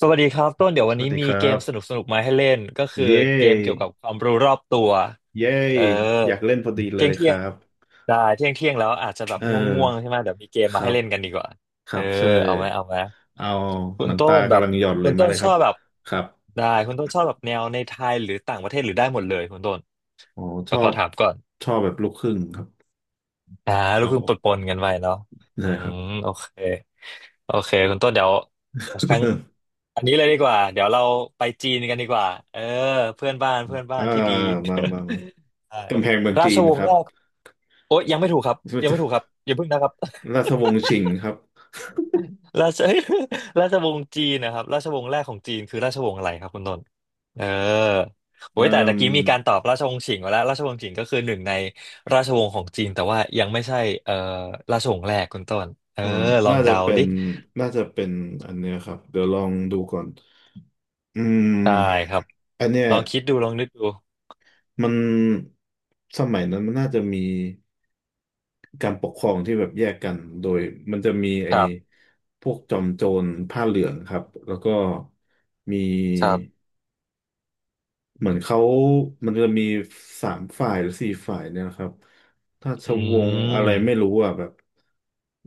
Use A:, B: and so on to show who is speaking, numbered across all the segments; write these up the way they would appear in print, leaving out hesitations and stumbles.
A: สวัสดีครับต้นเดี๋ยว
B: ส
A: วัน
B: วัส
A: นี้
B: ดี
A: มี
B: ครั
A: เกม
B: บ
A: สนุกสนุกมาให้เล่นก็คือ
B: เย
A: เกมเกี่ยวกั
B: ้
A: บความรู้รอบตัว
B: เย้
A: เออ
B: อยากเล่นพอดีเล
A: เที่ย
B: ย
A: ง
B: ค
A: เที่ย
B: รั
A: ง
B: บ
A: ได้เที่ยงเที่ยงแล้วอาจจะแบบ
B: เอ
A: ง่วงๆใช่
B: อ
A: ไหมเดี๋ยวมีเกม
B: ค
A: มา
B: รั
A: ให้
B: บ
A: เล่นกันดีกว่า
B: ค
A: เอ
B: รั
A: อ
B: บใช่
A: เอาไหมเอาไหม
B: เอา
A: คุ
B: ห
A: ณ
B: นัง
A: ต้
B: ตา
A: นแบ
B: กำ
A: บ
B: ลังหย่อนเล
A: คุ
B: ย
A: ณ
B: มา
A: ต้น
B: เลย
A: ช
B: ครั
A: อ
B: บ
A: บแบบ
B: ครับ
A: ได้คุณต้นชอบแบบแนวในไทยหรือต่างประเทศหรือได้หมดเลยคุณต้น
B: อ๋อช
A: เดี๋ย
B: อ
A: วขอ
B: บ
A: ถามก่อน
B: ชอบแบบลูกครึ่งครับ
A: อ่าลูก
B: เอา
A: ครึ่งปนๆกันไปเนาะ
B: ได้
A: อื
B: ครับ
A: มโอเคโอเคคุณต้นเดี๋ยวครั้ง อันนี้เลยดีกว่าเดี๋ยวเราไปจีนกันดีกว่าเออเพื่อนบ้านเพื่อน บ้า
B: อ่า
A: นที่ดี
B: มามามา
A: ใช่
B: กำแพงเมือง
A: รา
B: จี
A: ช
B: น
A: วง
B: ค
A: ศ์
B: รั
A: แร
B: บ
A: กโอ๊ยยังไม่ถูกครับยังไม่ถูกครับ อย่าเพิ่งนะครับ
B: ราชวงศ์ชิงครับ
A: ราช ราชวงศ์จีนนะครับราชวงศ์แรกของจีนคือราชวงศ์อะไรครับคุณต้นเออโอ้
B: เอ่
A: ยแต่ตะ
B: ม
A: กี้มีการตอบราชวงศ์ฉิงมาแล้วราชวงศ์ฉิงก็คือหนึ่งในราชวงศ์ของจีนแต่ว่ายังไม่ใช่เอ่อราชวงศ์แรกคุณต้นเออ
B: เอ่อ
A: ลอ
B: น่า
A: ง
B: จะ
A: เดา
B: เป็น
A: ดิ
B: น่าจะเป็นอันเนี้ยครับเดี๋ยวลองดูก่อนอื
A: ได้ค
B: ม
A: รับ
B: อันเนี้ย
A: ลองคิดดูลองนึกดู
B: มันสมัยนั้นมันน่าจะมีการปกครองที่แบบแยกกันโดยมันจะมีไอ้
A: ครับ
B: พวกจอมโจรผ้าเหลืองครับแล้วก็มี
A: ครับ
B: เหมือนเขามันจะมีสามฝ่ายหรือสี่ฝ่ายเนี่ยนะครับราช
A: อื
B: วงศ์อะไรไม่รู้
A: ม
B: อ่ะแบบ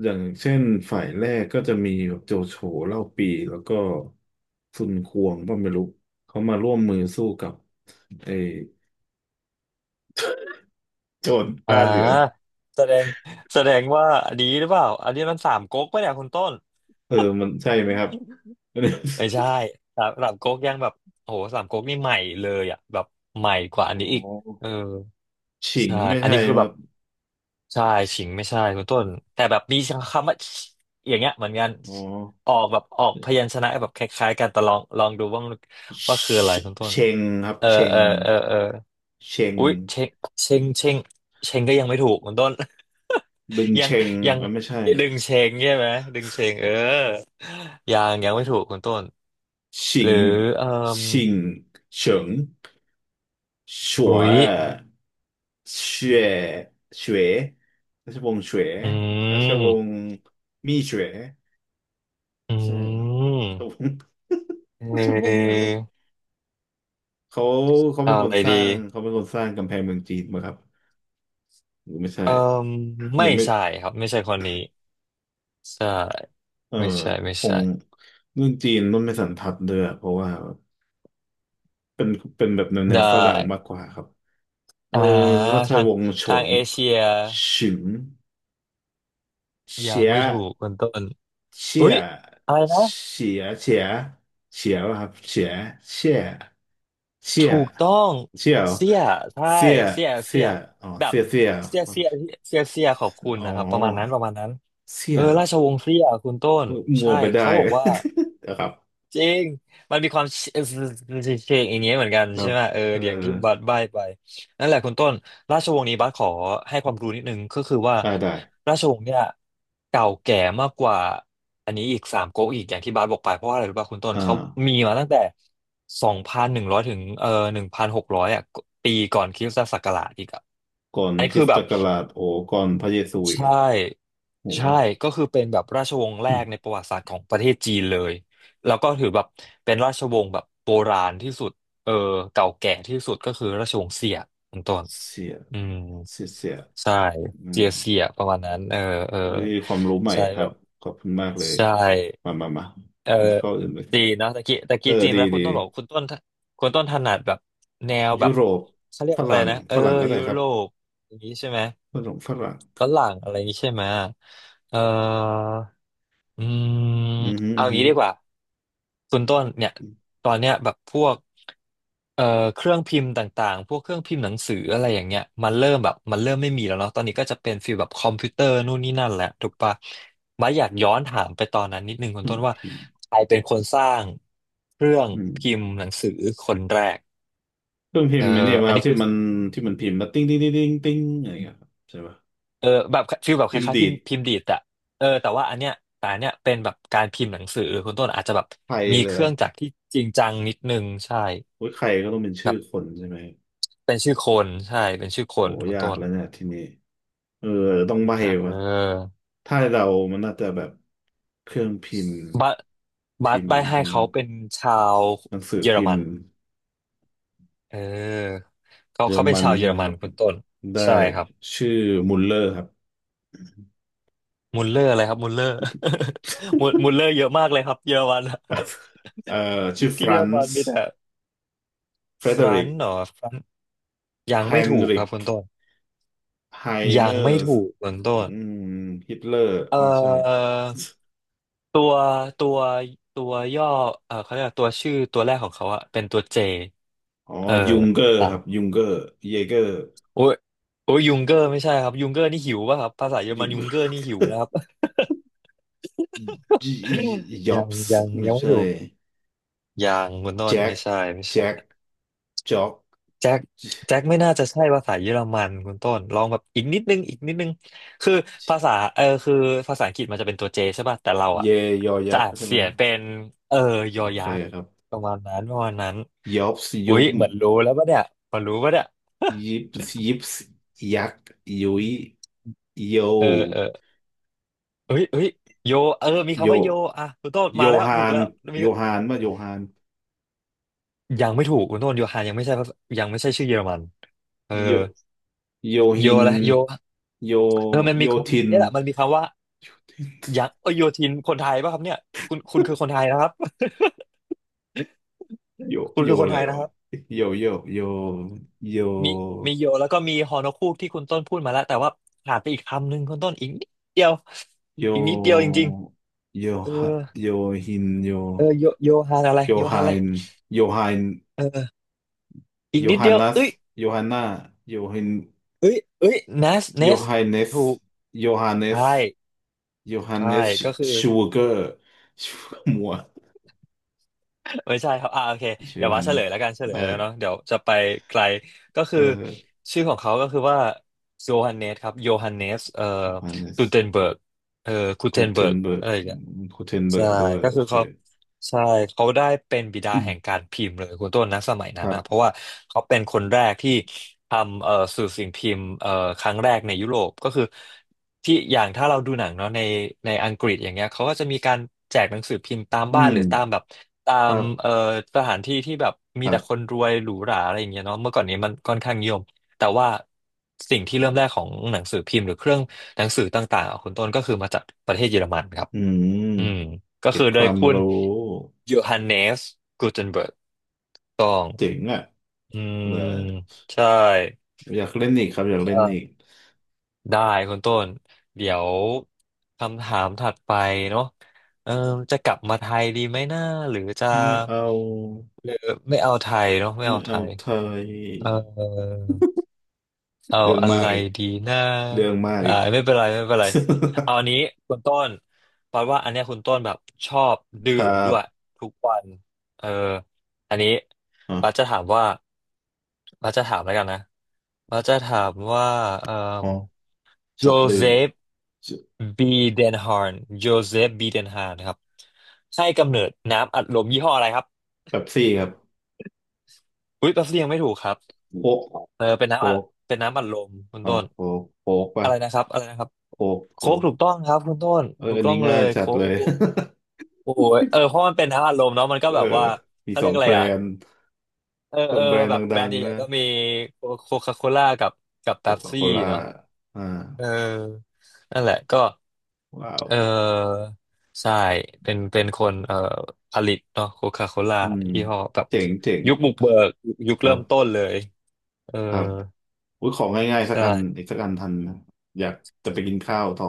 B: อย่างเช่นฝ่ายแรกก็จะมีแบบโจโฉเล่าปีแล้วก็ซุนควงก็ไม่รู้เขามาร่วมมือสู้กับไอ้โจร
A: อ่
B: ผ้าเหลือง
A: าแสดงแสดงว่าอันนี้หรือเปล่าอันนี้มันสามก๊กปะเนี่ยคุณต้น
B: เออมันใช่ไหมครับ
A: ไม่ใช่สามก๊กยังแบบโหสามก๊กนี่ใหม่เลยอ่ะแบบใหม่กว่า อั
B: อ๋
A: น
B: อ
A: นี้อีกเออ
B: ฉิง
A: ใช่
B: ไม่
A: อัน
B: ใช่
A: นี้คือ
B: ค
A: แบ
B: รั
A: บ
B: บ
A: ใช่ฉิงไม่ใช่คุณต้นแต่แบบมีคำว่า อย่างเงี้ยเหมือนกัน
B: อ๋อ
A: ออกแบบออกพยัญชนะแบบคล้ายๆกันแต่ลองลองดูว่ามัน
B: เ
A: ว่าคืออะ
B: ช
A: ไรคุณต้
B: เช
A: น
B: งครับ
A: เออ
B: เช
A: เอ
B: ง
A: อเออเออ
B: เชง
A: อุ๊ยเชงเชงเชงเชงก็ยังไม่ถูกคุณต้น
B: ดึง
A: ยั
B: เช
A: ง
B: ง
A: ยัง
B: อ่ะไม่ใช่
A: ดึงเชงใช่ไหมดึงเชงเออยังยังไม่ถูกคุณต้น
B: ชิ
A: หรือ
B: ง
A: เอ่ม
B: ชิงเฉิงฉว
A: อุ๊ย
B: ยเฉวยเฉวยราชวงศ์เฉว
A: อื
B: ราชวง
A: ม
B: ศ์มี่เฉวย
A: อื
B: ใช่ราชวงศ์
A: มเ
B: ราชวงศ์อะไร
A: ออ
B: วะ เขาเขาเป็
A: เอา
B: นค
A: อะ
B: น
A: ไร
B: ส
A: ดี
B: ร้างเขาเป็นคนสร้างกำแพงเมืองจีนมาครับหรือไม่ใช่
A: เอ่มไม่
B: ยังไม่
A: ใช่ครับไม่ใช่คนนี้ใช่
B: เออ
A: ไม่ใช่
B: ค
A: ไม่
B: ง
A: ใช่
B: เรื่องจีนนุ่นไม่สันทัดเลยอะเพราะว่าเป็นเป็นแบบแนวแนว
A: ได้
B: ฝรั่งมากกว่าครับเออ
A: อ่า
B: ราช
A: ทาง
B: วงศ์ฉ
A: ทาง
B: ง
A: เอเชีย
B: ฉิง
A: ยั
B: เฉี
A: ง
B: ย
A: ไม่ถูกคุณต้น
B: เฉี
A: อุ๊
B: ย
A: ยอะไร
B: เ
A: นะ
B: ฉียเฉียเฉียวะครับเฉียเฉียเฉีย
A: ถูกต้อง
B: เฉียว
A: เสี้ยใช่
B: เสีย
A: เสี้ย
B: เสี
A: เสี้ย
B: ยอ๋อ
A: แบบ
B: เสียเสีย
A: เสี้ย
B: ครับ
A: เสี้ยเสี้ยเสี้ยขอบคุณ
B: อ๋
A: นะครับประมาณนั้น
B: อ
A: ประมาณนั้น
B: เสี
A: เอ
B: ย
A: อ
B: เหร
A: รา
B: อ
A: ชวงศ์เสี้ยคุณต้น
B: มัว
A: ใช่
B: ไปได้
A: เขาบ อกว่า
B: นะครับ
A: จริง มันมีความเชเชงอย่างเงี้ยเหมือนกัน
B: ครั
A: ใช่
B: บ
A: ไหมเออ
B: เออ
A: เดี๋ยวอย่างที่บัสใบ้ไปนั่นแหละคุณต้นราชวงศ์นี้บัสขอให้ความรู้นิดนึงก็คือว่า
B: ได้ได้
A: ราชวงศ์เนี่ยเก่าแก่มากกว่าอันนี้อีกสามก๊กอีกอย่างที่บัสบอกไปเพราะว่าอะไรรู้ป่ะคุณต้น
B: อ่า
A: เขามีมาตั้งแต่2,100ถึง1,600อ่ะปีก่อนคริสตศักราชอีกอ่ะ
B: ก่อน
A: อันนี้
B: คริ
A: คือ
B: สต
A: แบ
B: ศั
A: บ
B: กราชโอ้ก่อนพระเยซูอีก
A: ใช่
B: อะโอ้
A: ใช่ก็คือเป็นแบบราชวงศ์แร
B: อืม
A: กในประวัติศาสตร์ของประเทศจีนเลยแล้วก็ถือแบบเป็นราชวงศ์แบบโบราณที่สุดเออเก่าแก่ที่สุดก็คือราชวงศ์เสี่ยเป็นต้น
B: เสีย
A: อืม
B: เสียเสีย
A: ใช่
B: อื
A: เจี
B: ม
A: ยเสี่ยประมาณนั้นเออเออ
B: เฮ้ยความรู้ใหม่
A: ใช่
B: ครั
A: แบ
B: บ
A: บ
B: ขอบคุณมากเลย
A: ใช่
B: มามามา
A: เออ
B: มีข้ออื่นไหมครั
A: จี
B: บ
A: นเนาะตะกี้ตะ
B: เอ
A: กี้
B: อ
A: จีน
B: ดี
A: แล้วคุ
B: ดี
A: ณต้นบอกคุณต้นถนัดแบบแนวแบ
B: ยุ
A: บ
B: โรป
A: เขาเรีย
B: ฝ
A: กอะไร
B: รั่ง
A: นะเออ
B: ฝรั่งก็ได้
A: ยุ
B: ครับ
A: โรปอย่างนี้ใช่ไหม
B: ฝรั่งฝรั่ง
A: ฝรั่งอะไรอย่างงี้ใช่ไหม เอ่ออื
B: อื
A: ม
B: มฮ
A: เอาอย่าง
B: ึ
A: นี้ดีกว่า คุณต้นเนี่ย
B: อืม
A: ตอนเนี้ยแบบพวกเอ่อเครื่องพิมพ์ต่างๆพวกเครื่องพิมพ์หนังสืออะไรอย่างเงี้ยมันเริ่มแบบมันเริ่มไม่มีแล้วเนาะตอนนี้ก็จะเป็นฟีลแบบคอมพิวเตอร์นู่นนี่นั่นแหละถูกปะมาอยากย้อนถามไปตอนนั้นนิดนึงคุณ
B: ฮึ
A: ต้นว่า
B: เครื่องพิมพ์
A: ใครเป็นคนสร้างเครื่อง
B: อืม
A: พิมพ์หนังสือคนแรก
B: เครื่องพิ
A: เอ
B: ม
A: อ
B: พ์ไอ้เนี่ยะ
A: อั
B: ค
A: น
B: รับ
A: นี้
B: ที่
A: คือ
B: มันที่มันพิมพ์แล้วติ้งติ้งติ้งติ้งติ้งอะไรอย่างเงี้ยครับใช่ป่ะ
A: เออแบบฟีลแบบค
B: พิมพ์
A: ล้ายๆ
B: ดี
A: พิม
B: ด
A: พ์พิมพ์ดีดอะเออแต่ว่าอันเนี้ยแต่อันเนี้ยเป็นแบบการพิมพ์หนังสือคุณต้นอาจจะแบบ
B: ใคร
A: มี
B: เล
A: เค
B: ยเหร
A: รื่
B: อ
A: องจักรที่จริงจังนิดนึงใช่
B: โอ้ยใครก็ต้องเป็นชื่อ
A: แบบ
B: คนใช่ไหม
A: เป็นชื่อคนใช่เป็นชื่อค
B: โห
A: นคุณ
B: ยา
A: ต้
B: ก
A: น
B: แล้วเนี่ยทีนี้เออต้องใบ้
A: เ
B: วะ
A: ออ
B: ถ้าเรามันน่าจะแบบเครื่องพิมพ์
A: บัสบั
B: พิ
A: ส
B: มพ์
A: ใบ้ให้
B: ใช่ไหม
A: เขา
B: ครับ
A: เป็นชาว
B: หนังสือ
A: เยอร
B: พิม
A: มัน
B: พ์
A: เออเขา
B: เยอร
A: เขาเป็น
B: มัน
A: ชาวเย
B: ใช่
A: อ
B: ไหม
A: ร
B: ค
A: มั
B: รั
A: น
B: บ
A: คุณต้น
B: ได้
A: ใช่ครับ
B: ชื่อมุลเลอร์ครับ
A: มุลเลอร์อะไรครับมุลเลอร์ มุลเลอร์เยอะมากเลยครับเยอรมัน
B: เอ่อชื่อ ฟ
A: ที่เย
B: รา
A: อร
B: น
A: มัน
B: ซ์
A: มีแต่
B: เฟร
A: ฟ
B: เด
A: รั
B: ริก
A: น์เหรอฟรัน์ยัง
B: ไฮ
A: ไม่
B: น
A: ถูกค
B: ริ
A: รับ
B: ก
A: คุณต้น
B: ไฮเน
A: ยั
B: อ
A: งไม่
B: ร์
A: ถูกเบื้องต้
B: อื
A: น
B: มฮิตเลอร์
A: เอ่
B: ไม่ใช่
A: อตัวตัวตัวย่อเออเขาเรียกว่าตัวชื่อตัวแรกของเขาอะเป็นตัวเจ
B: อ๋อ
A: เออ
B: ยุงเกอร์
A: อ่ะ
B: ครับ ยุงเกอร์เยเกอร์
A: โอ้ยโอ้ยยุงเกอร์ไม่ใช่ครับยุงเกอร์นี่หิวป่ะครับภาษาเยอรมั
B: ยุ
A: น
B: ง
A: ยุงเกอร์นี่หิวนะครับ
B: จ็ อ
A: ยั
B: บ
A: ง
B: ส์
A: ยัง
B: ไม่
A: ยังไม่
B: ใช่
A: ถูกยังคุณต้น
B: แจ็
A: ไม่
B: ค
A: ใช่ไม่
B: แจ็ค
A: ใช่
B: จ็อก
A: แจ็คแจ็คไม่น่าจะใช่ภาษาเยอรมันคุณต้นลองแบบอีกนิดนึงอีกนิดนึงคือภาษาคือภาษาอังกฤษมันจะเป็นตัวเจใช่ป่ะแต่เรา
B: เย
A: อ่ะ
B: ยอยั
A: จะ
B: กษ์
A: อาน
B: ใช่ไห
A: เสี
B: ม
A: ยงเป็นเออย
B: โอ
A: อ
B: เค
A: ยักษ์
B: ครับ
A: ประมาณนั้นประมาณนั้น
B: ยอบส์
A: อุ๊
B: ยุ
A: ย
B: บ
A: เหมือนรู้แล้วปะเนี่ยเหมือนรู้ปะเนี่ย
B: ยิบยิบยักษ์ยุยโย
A: เออเออเฮ้ยเฮ้ยโยเออมี
B: โย
A: คำว่าโยอ่ะคุณต้น
B: โย
A: มาแล้ว
B: ฮา
A: ถูก
B: น
A: แล้วมี
B: โยฮานว่าโยฮาน
A: ยังไม่ถูกคุณต้นโยฮานยังไม่ใช่ภาษายังไม่ใช่ชื่อเยอรมันเออ
B: โยโย
A: โย
B: ฮิน
A: แล้วโย
B: โย
A: เออมันมี
B: โยทิ
A: คำ
B: น
A: เนี่ยแหละมันมีคำว่า ยังเอ้ยโยธินคนไทยป่ะครับเนี่ยคุณคือคนไทยนะครับ
B: โย
A: คุณ
B: โย
A: คือ คน
B: อะ
A: ไท
B: ไร
A: ยนะค
B: วะ
A: รับ
B: โยโยโยโย
A: มีมีโยแล้วก็มีฮอนอคูกที่คุณต้นพูดมาแล้วแต่ว่าขาดไปอีกคำหนึ่งคุณต้นอีกนิดเดียว
B: โย
A: อีกนิดเดียวจริง
B: โย
A: ๆเออ
B: ฮะโยฮินโย
A: เออโยโยฮานอะไร
B: โย
A: โยฮา
B: ฮา
A: นอะไร
B: นโยฮาน
A: เอออีก
B: โย
A: นิด
B: ฮา
A: เดียว
B: นัส
A: เอ้ย
B: โยฮาน่าโยฮิน
A: เอ้ยเนสเน
B: โย
A: ส
B: ไฮเนส
A: ถูก
B: โยฮาเน
A: ใช่
B: สโยฮา
A: ใช่
B: เนส
A: ก็คือ
B: ชูเกอร์ชูเกอร์มัว
A: ไม่ใช่ครับอ่าโอเค
B: ชื่อ
A: เดี๋ย
B: โย
A: วว่า
B: ฮา
A: เฉ
B: เน
A: ล
B: ส
A: ยแล้วกันเฉลย
B: ได้
A: แล้วเนาะเดี๋ยวจะไปไกลก็
B: เอ
A: คือ
B: อ
A: ชื่อของเขาก็คือว่าโยฮันเนสครับโยฮันเนส
B: โยฮาเนส
A: กูเทนเบิร์กเอ่อกูเท
B: กู
A: น
B: เท
A: เบิร์
B: น
A: ก
B: เบิร์ก
A: อะไรอย่างเงี้ย
B: กูเทนเบิ
A: ใช่
B: ร์กด้วย
A: ก็
B: โอ
A: คือ
B: เค
A: เขาใช่เขาได้เป็นบิดา
B: อื
A: แห่ง
B: ม
A: การพิมพ์เลยคุณต้นนะสมัย
B: ค
A: นั้น
B: รั
A: นะเพราะ
B: บ
A: ว่าเขาเป็นคนแรกที่ทำสื่อสิ่งพิมพ์ครั้งแรกในยุโรปก็คือที่อย่างถ้าเราดูหนังเนาะในอังกฤษอย่างเงี้ยเขาก็จะมีการแจกหนังสือพิมพ์ตาม
B: อื
A: บ้านหรื
B: ม
A: อตามแบบตา
B: ค
A: ม
B: รั
A: เอ่อ
B: บ
A: สถานที่ที่แบบ
B: ค
A: มี
B: รั
A: แต่คน
B: บ
A: รวยหรูหราอะไรอย่างเงี้ยเนาะเมื่อก่อนนี้มันค่อนข้างนิยมแต่ว่าสิ่งที่เริ่มแรกของหนังสือพิมพ์หรือเครื่องหนังสือต่างๆอ่ะคุณต้นก็คือมาจากประเทศเยอรมันครับ
B: อืม
A: อืมก็
B: เก็
A: คื
B: บ
A: อ
B: ค
A: โดย
B: วาม
A: คุณ
B: รู้
A: โยฮันเนสกูเทนเบิร์กต้อง
B: เจ๋งอ่ะ
A: อื
B: เล
A: ม
B: ย
A: ใช่
B: อยากเล่นอีกครับอยากเล่นอีก
A: ใช่ได้คุณต้นเดี๋ยวคำถามถัดไปเนาะเออจะกลับมาไทยดีไหมนะหรือจะ
B: ไม่เอา
A: หรือไม่เอาไทยเนาะไม่
B: ไม่
A: เอาไท
B: เอา
A: ย
B: ไทย
A: เออ เอา
B: เรื่อง
A: อะ
B: มา
A: ไร
B: กอีก
A: ดีนะ
B: เรื่องมาก
A: อ่า
B: อีก
A: ไม่เป็นไรไม่เป็นไรเอาอันนี้คุณต้นเพราะว่าอันเนี้ยคุณต้นแบบชอบดื่
B: ค
A: ม
B: รั
A: ด้
B: บ
A: วยทุกวันเอออันนี้
B: อ๋อ
A: บัสจะถามว่าบัสจะถามแล้วกันนะบัสจะถามว่าเอ่อ
B: อ๋อช
A: โจ
B: อบดื่
A: เซ
B: ม
A: ฟบีเดนฮาร์นโจเซฟบีเดนฮาร์นครับให้กำเนิดน้ำอัดลมยี่ห้ออะไรครับ
B: เป๊ปซี่ครับ
A: อุ๊ยแป๊บเดียวยังไม่ถูกครับ
B: โค้ก
A: เออเป็นน้ำ
B: โค้
A: อัด
B: ก
A: เป็นน้ำอัดลมคุณ
B: อ้า
A: ต้
B: ว
A: น
B: โค้กโค้กป่ะ
A: อะไรนะครับอะไรนะครับ
B: โค้ก
A: โค้
B: โค้
A: ก
B: ก
A: ถูกต้องครับคุณต้น
B: เออ
A: ถูก
B: อัน
A: ต้อ
B: นี้
A: งเล
B: ง่าย
A: ย
B: จัด
A: โค้
B: เลย
A: กโอ้โหเออเพราะมันเป็นทั้งอารมณ์เนาะมัน ก็
B: เออ
A: แบบว่า
B: มี
A: เขา
B: ส
A: เรี
B: อ
A: ย
B: ง
A: กอะ
B: แบ
A: ไร
B: ร
A: อ่ะ
B: นด์
A: เออ
B: ส
A: เอ
B: อง
A: อ
B: แบรนด์
A: แบ
B: ด
A: บแบร
B: ั
A: น
B: ง
A: ด์
B: ๆ
A: ใหญ่
B: นะ
A: ๆก็มีโคคาโคล่ากับ
B: โค
A: เป๊ป
B: คาโค
A: ซี่
B: ล่า
A: เนาะ
B: อ่า
A: เออนั่นแหละก็
B: ว้าว
A: เออใช่เป็นเป็นคนผลิตเนาะโคคาโคล่า
B: อืม
A: ยี่ห้อแบบ
B: เจ๋งเจ๋ง
A: ยุคบุกเบิกยุค
B: ครั
A: เริ่มต้
B: บ
A: นเลยเออ
B: ครับ อุ้ยของง่ายๆ
A: ใ
B: สักอันอี
A: ช่
B: กสักอันทันนะอยากจะไปกินข้าวต่อ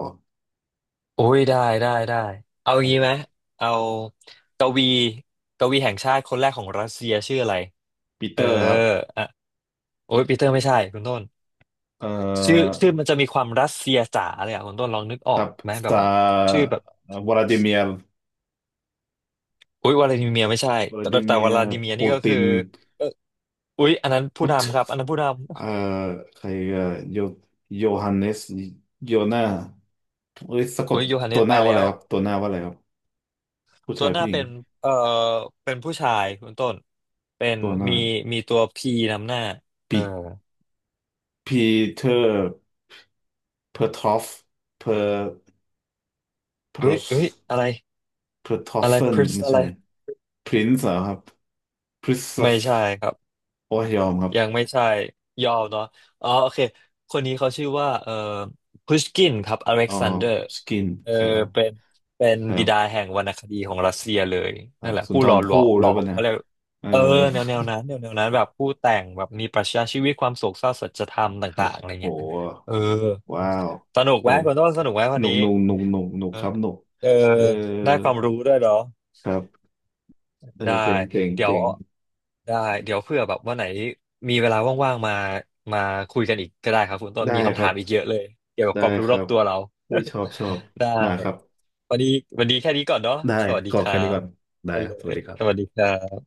A: โอ้ยได้ได้ได้เอา
B: ครั
A: งี้ไหม
B: บ
A: เอากวีกวีแห่งชาติคนแรกของรัสเซียชื่ออะไร
B: ปี
A: เอ
B: เต
A: อ
B: อร์ครับ
A: อ่ะโอ้ยปีเตอร์ไม่ใช่คุณต้น
B: เอ่
A: ชื่อ
B: อ
A: ชื่อมันจะมีความรัสเซียจ๋าเลยอ่ะคุณต้นลองนึกอ
B: ค
A: อ
B: รั
A: ก
B: บ
A: ไหมแบบ
B: ซา
A: ว่าชื่อแบบ
B: วลาดิเมียร์
A: อุ้ยวลาดิเมียร์ไม่ใช่
B: วลา
A: แต่
B: ดิ
A: แต่
B: เมี
A: ว
B: ยร์
A: ลาดิเมียร์
B: ปู
A: นี่ก็
B: ติ
A: คือ
B: น
A: เอออุ้ยอันนั้นผู้
B: ปุต
A: นำครับอันนั้นผู้น
B: เอ่อใครโยโยฮันเนสโยนาเอ้ยสะก
A: ำ
B: ด
A: อุ้ยโยฮันเน
B: ตัว
A: ส
B: ห
A: ไป
B: น้าว่าอะ
A: แล้
B: ไร
A: ว
B: ครับตัวหน้าว่าอะไรครับผู้
A: ตั
B: ชา
A: ว
B: ย
A: หน้า
B: ผู้หญิ
A: เป็
B: ง
A: นเออเป็นผู้ชายคุณต้นเป็น
B: ตัวหน้า
A: มีมีตัวพีนำหน้าเออ
B: ปีปีเตอร์เพอร์ทอฟเพอร์เพ
A: เอ้
B: อ
A: ย
B: ร์
A: เอ้ยอะไร
B: เพอร์ทอฟ
A: อะไร
B: เฟ
A: พ
B: น
A: ริน์
B: ไม่
A: อะ
B: ใช่
A: ไร
B: พรินซ์เหรอครับ คริสโต
A: ไม่
B: ฟ
A: ใช่ครับ
B: โอ้ยยอมครับ
A: ยังไม่ใช่ยอมเนาะอ๋อโอเคคนนี้เขาชื่อว่าพุชกินครับอเล็
B: อ๋
A: ก
B: อ
A: ซานเดอร์
B: สกิน
A: เออ
B: ยอม
A: เป็นเป็น
B: ครั
A: บิ
B: บ
A: ดาแห่งวรรณคดีของรัสเซียเลย
B: ครั
A: นั่น
B: บ
A: แหละ
B: สุน
A: ผู้
B: ท
A: หล่
B: ร
A: อหล
B: ภู่
A: อม
B: เลยป่ะเนะ
A: เขาเรียก
B: เออ
A: เออแนวนั้นแนวนั้นแบบผู้แต่งแบบมีปรัชญาชีวิตความโศกเศร้าสัจธรรม
B: ครั
A: ต่า
B: บ
A: งๆอะไร
B: โอ้โห
A: เงี้ยเออ
B: ว้าว
A: สนุก
B: เอ
A: ไหม
B: อ
A: คุณต้นสนุกไหมวั
B: ห
A: น
B: นุก
A: นี้
B: หนุกหนุกหนุกหนุก
A: เออ
B: ครับหนุก
A: เออ
B: เออ
A: ได้ความรู้ด้วยเหรอ
B: ครับเออ
A: ได้
B: เจ๋งเจ๋ง
A: เดี๋ย
B: เจ๋
A: ว
B: ง
A: ได้เดี๋ยวเพื่อแบบวันไหนมีเวลาว่างๆมามาคุยกันอีกก็ได้ครับคุณต้น
B: ได้
A: มี
B: ค
A: คำ
B: รั
A: ถา
B: บ
A: มอีกเยอะเลยเกี่ยวกับ
B: ได้
A: ความรู้
B: ค
A: รอ
B: รั
A: บ
B: บ
A: ตัวเรา
B: อุ้ยชอบชอบ
A: ได้
B: มาครับ
A: วันนี้วันนี้แค่นี้ก่อนเนาะ
B: ได้
A: สวัสดี
B: กรอ
A: ค
B: ก
A: รั
B: แค่นี้
A: บ
B: ก่อน ได้
A: ไป
B: ครั
A: เล
B: บสวั
A: ย
B: สดีครั
A: สวัส
B: บ
A: ดีครับ